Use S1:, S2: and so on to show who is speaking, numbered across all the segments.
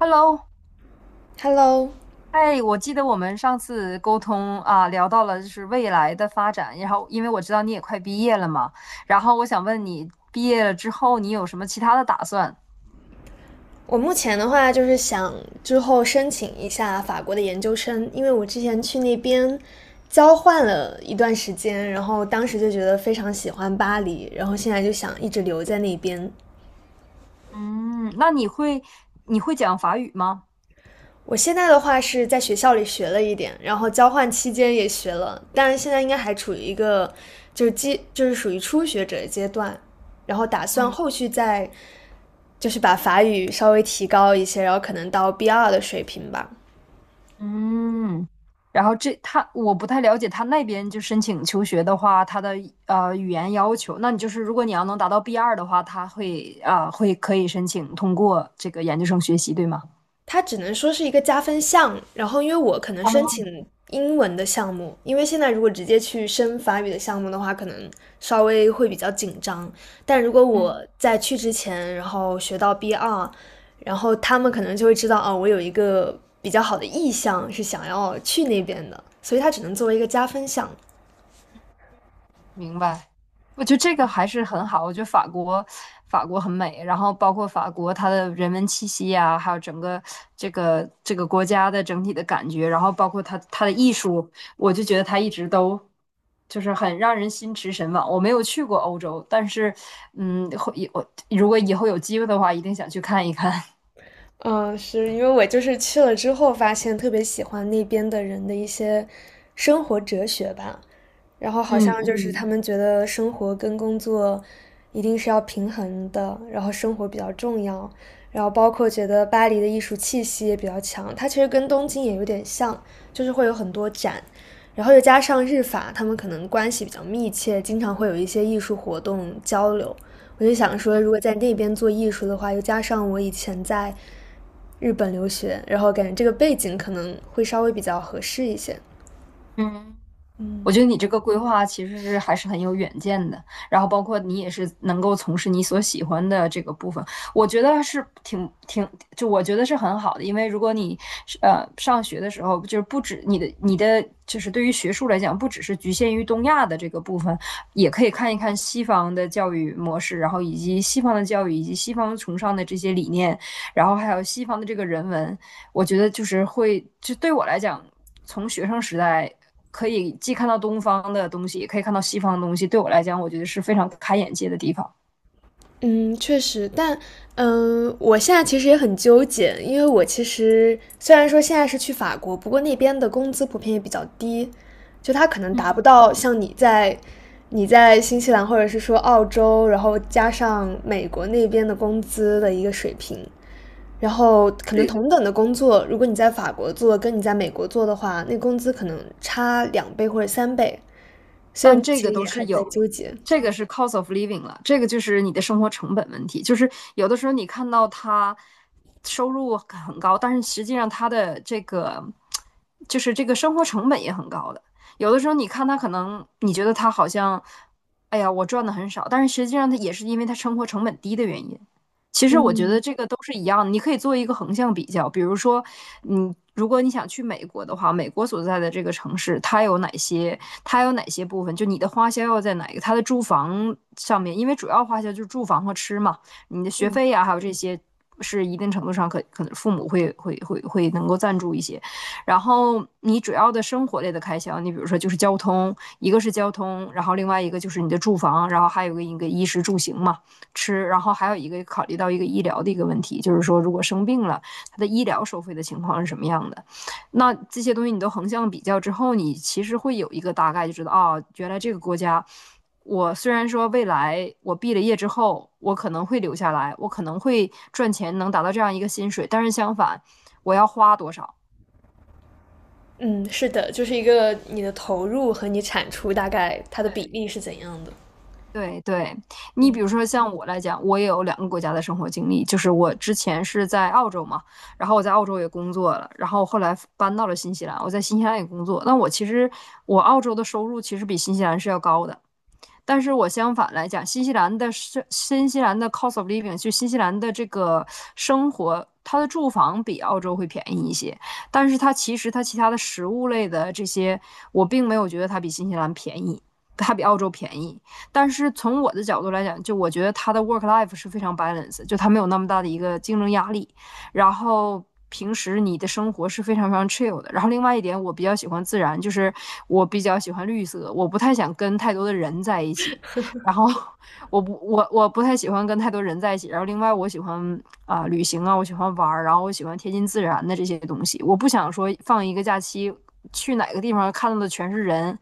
S1: Hello，
S2: Hello,
S1: 哎，我记得我们上次沟通啊，聊到了就是未来的发展，然后因为我知道你也快毕业了嘛，然后我想问你，毕业了之后你有什么其他的打算？
S2: 我目前的话就是想之后申请一下法国的研究生，因为我之前去那边交换了一段时间，然后当时就觉得非常喜欢巴黎，然后现在就想一直留在那边。
S1: 嗯，那你会讲法语吗？
S2: 我现在的话是在学校里学了一点，然后交换期间也学了，但是现在应该还处于一个就是属于初学者的阶段，然后打算
S1: 嗯，
S2: 后续再就是把法语稍微提高一些，然后可能到 B2 的水平吧。
S1: 嗯，然后他我不太了解他那边就申请求学的话，他的语言要求，那你就是如果你要能达到 B2的话，他会可以申请通过这个研究生学习，对吗？
S2: 它只能说是一个加分项。然后，因为我可能申
S1: 哦
S2: 请英文的项目，因为现在如果直接去申法语的项目的话，可能稍微会比较紧张。但如果我
S1: 嗯。
S2: 在去之前，然后学到 B2,然后他们可能就会知道，哦，我有一个比较好的意向是想要去那边的，所以它只能作为一个加分项。
S1: 明白，我觉得这个还是很好。我觉得法国，很美，然后包括法国它的人文气息呀，还有整个这个国家的整体的感觉，然后包括它的艺术，我就觉得它一直都就是很让人心驰神往。我没有去过欧洲，但是嗯，我如果以后有机会的话，一定想去看一看。
S2: 嗯，是因为我就是去了之后发现特别喜欢那边的人的一些生活哲学吧，然后好
S1: 嗯
S2: 像就是
S1: 嗯
S2: 他们觉得生活跟工作一定是要平衡的，然后生活比较重要，然后包括觉得巴黎的艺术气息也比较强，它其实跟东京也有点像，就是会有很多展，然后又加上日法，他们可能关系比较密切，经常会有一些艺术活动交流，我就想说，如果在那边做艺术的话，又加上我以前在日本留学，然后感觉这个背景可能会稍微比较合适一些。
S1: 嗯。我
S2: 嗯，
S1: 觉得你这个规划其实是还是很有远见的，然后包括你也是能够从事你所喜欢的这个部分，我觉得是挺，就我觉得是很好的，因为如果你是上学的时候，就是不止你的就是对于学术来讲，不只是局限于东亚的这个部分，也可以看一看西方的教育模式，然后以及西方的教育以及西方崇尚的这些理念，然后还有西方的这个人文，我觉得就是会，就对我来讲，从学生时代可以既看到东方的东西，也可以看到西方的东西，对我来讲，我觉得是非常开眼界的地方。
S2: 嗯，确实，但我现在其实也很纠结，因为我其实虽然说现在是去法国，不过那边的工资普遍也比较低，就它可能达不到像你在新西兰或者是说澳洲，然后加上美国那边的工资的一个水平。然后可能
S1: 这个
S2: 同等的工作，如果你在法国做，跟你在美国做的话，那工资可能差两倍或者三倍，所以我
S1: 但
S2: 目
S1: 这
S2: 前
S1: 个都
S2: 也还
S1: 是
S2: 在
S1: 有，
S2: 纠结。
S1: 这个是 cost of living 了，这个就是你的生活成本问题。就是有的时候你看到他收入很高，但是实际上他的这个就是这个生活成本也很高的。有的时候你看他可能你觉得他好像，哎呀，我赚的很少，但是实际上他也是因为他生活成本低的原因。其实我觉
S2: 嗯
S1: 得这个都是一样的，你可以做一个横向比较，比如说，如果你想去美国的话，美国所在的这个城市，它有哪些，它有哪些部分，就你的花销要在哪一个，它的住房上面，因为主要花销就是住房和吃嘛，你的学
S2: 嗯。
S1: 费呀、还有这些是一定程度上可能父母会能够赞助一些，然后你主要的生活类的开销，你比如说就是交通，一个是交通，然后另外一个就是你的住房，然后还有一个衣食住行嘛。吃，然后还有一个考虑到一个医疗的一个问题，就是说如果生病了，它的医疗收费的情况是什么样的？那这些东西你都横向比较之后，你其实会有一个大概，就知道啊、哦原来这个国家，我虽然说未来我毕了业之后，我可能会留下来，我可能会赚钱能达到这样一个薪水，但是相反，我要花多少？
S2: 嗯，是的，就是一个你的投入和你产出大概它的比
S1: 对。
S2: 例是怎样的？
S1: 对对，你比
S2: 对，
S1: 如说像我来讲，我也有两个国家的生活经历，就是我之前是在澳洲嘛，然后我在澳洲也工作了，然后后来搬到了新西兰，我在新西兰也工作。那我其实我澳洲的收入其实比新西兰是要高的，但是我相反来讲，新西兰的 cost of living，就新西兰的这个生活，它的住房比澳洲会便宜一些，但是它其他的食物类的这些，我并没有觉得它比新西兰便宜。它比澳洲便宜，但是从我的角度来讲，就我觉得它的 work life 是非常 balance，就它没有那么大的一个竞争压力。然后平时你的生活是非常非常 chill 的。然后另外一点，我比较喜欢自然，就是我比较喜欢绿色，我不太想跟太多的人在一起。然后我不太喜欢跟太多人在一起。然后另外我喜欢旅行啊，我喜欢玩儿，然后我喜欢贴近自然的这些东西。我不想说放一个假期去哪个地方看到的全是人，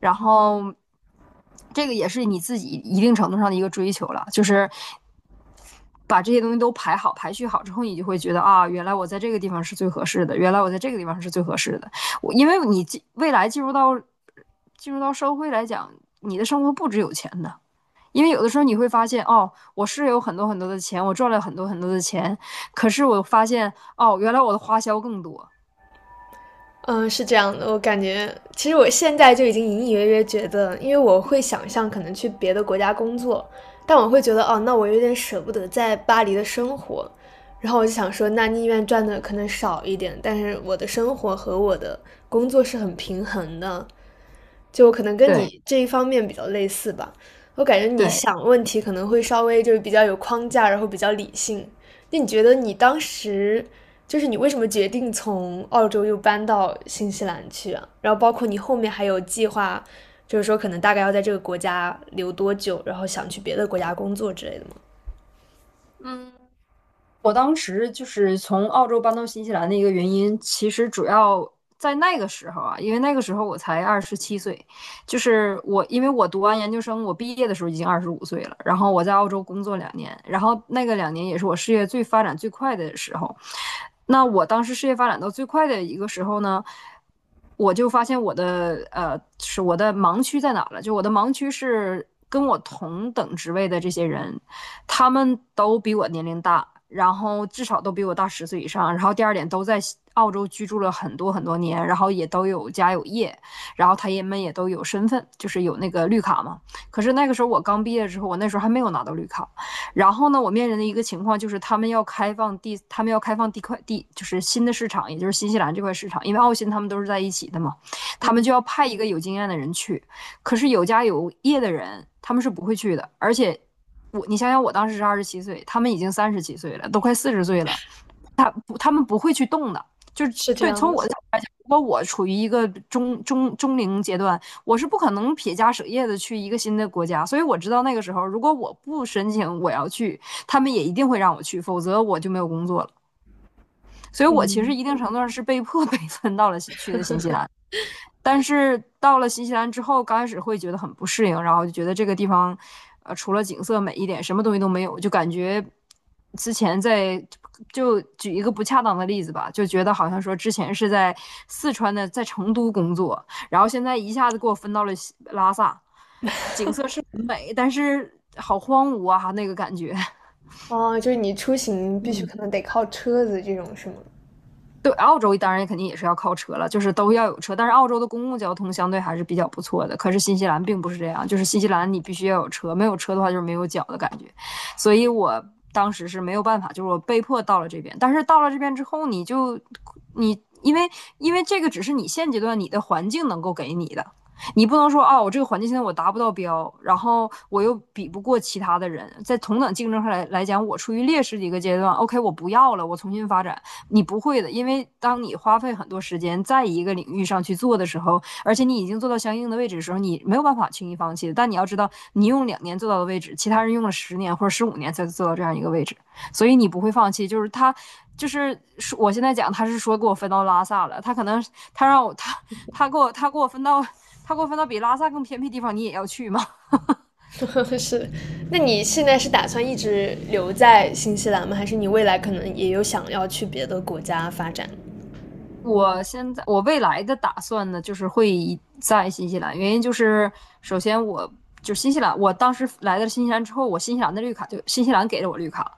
S1: 然后。这个也是你自己一定程度上的一个追求了，就是把这些东西都排好、排序好之后，你就会觉得啊，原来我在这个地方是最合适的，原来我在这个地方是最合适的。我因为你未来进入到社会来讲，你的生活不只有钱的，因为有的时候你会发现，哦，我是有很多很多的钱，我赚了很多很多的钱，可是我发现，哦，原来我的花销更多。
S2: 嗯，是这样的，我感觉其实我现在就已经隐隐约约觉得，因为我会想象可能去别的国家工作，但我会觉得哦，那我有点舍不得在巴黎的生活，然后我就想说，那宁愿赚的可能少一点，但是我的生活和我的工作是很平衡的，就我可能跟
S1: 对
S2: 你这一方面比较类似吧，我感觉你
S1: 对，
S2: 想问题可能会稍微就是比较有框架，然后比较理性。那你觉得你当时就是你为什么决定从澳洲又搬到新西兰去啊？然后包括你后面还有计划，就是说可能大概要在这个国家留多久，然后想去别的国家工作之类的吗？
S1: 嗯，我当时就是从澳洲搬到新西兰的一个原因，其实主要在那个时候啊，因为那个时候我才二十七岁，就是我，因为我读完研究生，我毕业的时候已经25岁了，然后我在澳洲工作两年，然后那个两年也是我事业最发展最快的时候。那我当时事业发展到最快的一个时候呢，我就发现我的盲区在哪了？就我的盲区是跟我同等职位的这些人，他们都比我年龄大，然后至少都比我大十岁以上。然后第二点，都在澳洲居住了很多很多年，然后也都有家有业，然后他们也都有身份，就是有那个绿卡嘛。可是那个时候我刚毕业之后，我那时候还没有拿到绿卡。然后呢，我面临的一个情况就是他们要开放地块地，就是新的市场，也就是新西兰这块市场，因为澳新他们都是在一起的嘛，他们
S2: 嗯，
S1: 就要派一个有经验的人去。可是有家有业的人，他们是不会去的，而且你想想，我当时是二十七岁，他们已经37岁了，都快40岁了，不，他们不会去动的。就是
S2: 是这
S1: 对，
S2: 样
S1: 从
S2: 的，
S1: 我的角度来讲，如果我处于一个中龄阶段，我是不可能撇家舍业的去一个新的国家。所以我知道那个时候，如果我不申请我要去，他们也一定会让我去，否则我就没有工作了。所以我其实
S2: 嗯，
S1: 一定程度上是被迫 被分到了去的新西兰。但是到了新西兰之后，刚开始会觉得很不适应，然后就觉得这个地方，除了景色美一点，什么东西都没有，就感觉之前在就举一个不恰当的例子吧，就觉得好像说之前是在四川的，在成都工作，然后现在一下子给我分到了西拉萨，景色是很美，但是好荒芜啊，那个感觉。
S2: 哦，就是你出行必须可能得靠车子这种是吗？
S1: 对，澳洲当然肯定也是要靠车了，就是都要有车。但是澳洲的公共交通相对还是比较不错的，可是新西兰并不是这样，就是新西兰你必须要有车，没有车的话就是没有脚的感觉。所以我当时是没有办法，就是我被迫到了这边。但是到了这边之后，你因为这个只是你现阶段你的环境能够给你的，你不能说啊，我这个环境现在我达不到标，然后我又比不过其他的人，在同等竞争上来讲，我处于劣势的一个阶段。OK，我不要了，我重新发展。你不会的，因为当你花费很多时间在一个领域上去做的时候，而且你已经做到相应的位置的时候，你没有办法轻易放弃的，但你要知道，你用2年做到的位置，其他人用了10年或者15年才做到这样一个位置，所以你不会放弃。就是他，就是我现在讲，他是说给我分到拉萨了，他可能他让我他他给我他给我分到他给我分到比拉萨更偏僻地方，你也要去吗？
S2: 是，那你现在是打算一直留在新西兰吗？还是你未来可能也有想要去别的国家发展？
S1: 我现在我未来的打算呢，就是会以在新西兰，原因就是首先我就新西兰，我当时来到新西兰之后，我新西兰的绿卡就新西兰给了我绿卡，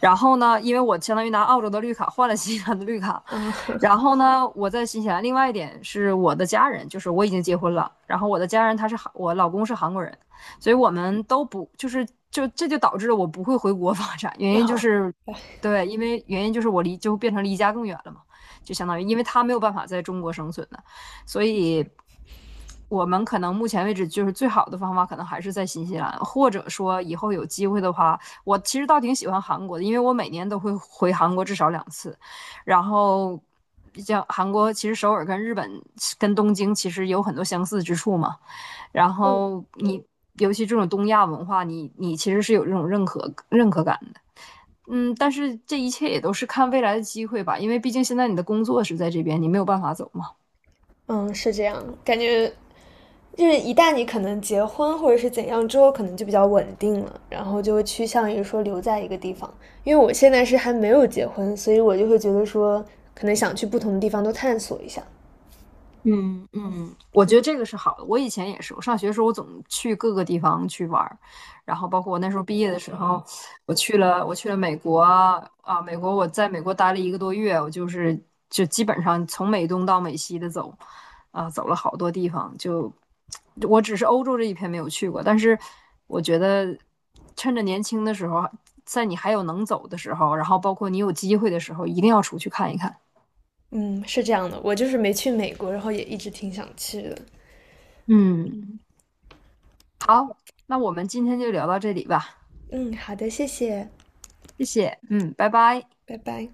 S1: 然后呢，因为我相当于拿澳洲的绿卡换了新西兰的绿卡，
S2: 啊，
S1: 然后呢，我在新西兰，另外一点是我的家人，就是我已经结婚了，然后我的家人他是韩，我老公是韩国人，所以我们都不就是就这就导致了我不会回国发展，原 因就
S2: 好，
S1: 是
S2: 哎
S1: 对，因为原因就是我离就变成离家更远了嘛。就相当于因为它没有办法在中国生存的，所以我们可能目前为止就是最好的方法，可能还是在新西兰，或者说以后有机会的话，我其实倒挺喜欢韩国的，因为我每年都会回韩国至少2次，然后。像韩国，其实首尔跟日本、跟东京其实有很多相似之处嘛。然
S2: 嗯
S1: 后你，尤其这种东亚文化，你其实是有这种认可感。嗯，但是这一切也都是看未来的机会吧，因为毕竟现在你的工作是在这边，你没有办法走嘛。
S2: 嗯，是这样，感觉就是一旦你可能结婚或者是怎样之后，可能就比较稳定了，然后就会趋向于说留在一个地方。因为我现在是还没有结婚，所以我就会觉得说，可能想去不同的地方都探索一下。
S1: 嗯嗯，我觉
S2: 对，
S1: 得这个是好的。我以前也是，我上学的时候我总去各个地方去玩儿，然后包括我那时候毕业的时候，我去了美国啊，美国我在美国待了1个多月，我就是就基本上从美东到美西的走，啊，走了好多地方。就我只是欧洲这一片没有去过，但是我觉得趁着年轻的时候，在你还有能走的时候，然后包括你有机会的时候，一定要出去看一看。
S2: 嗯，是这样的，我就是没去美国，然后也一直挺想去的。
S1: 嗯。好，那我们今天就聊到这里吧，
S2: 嗯，好的，谢谢。
S1: 谢谢，嗯，拜拜。
S2: 拜拜。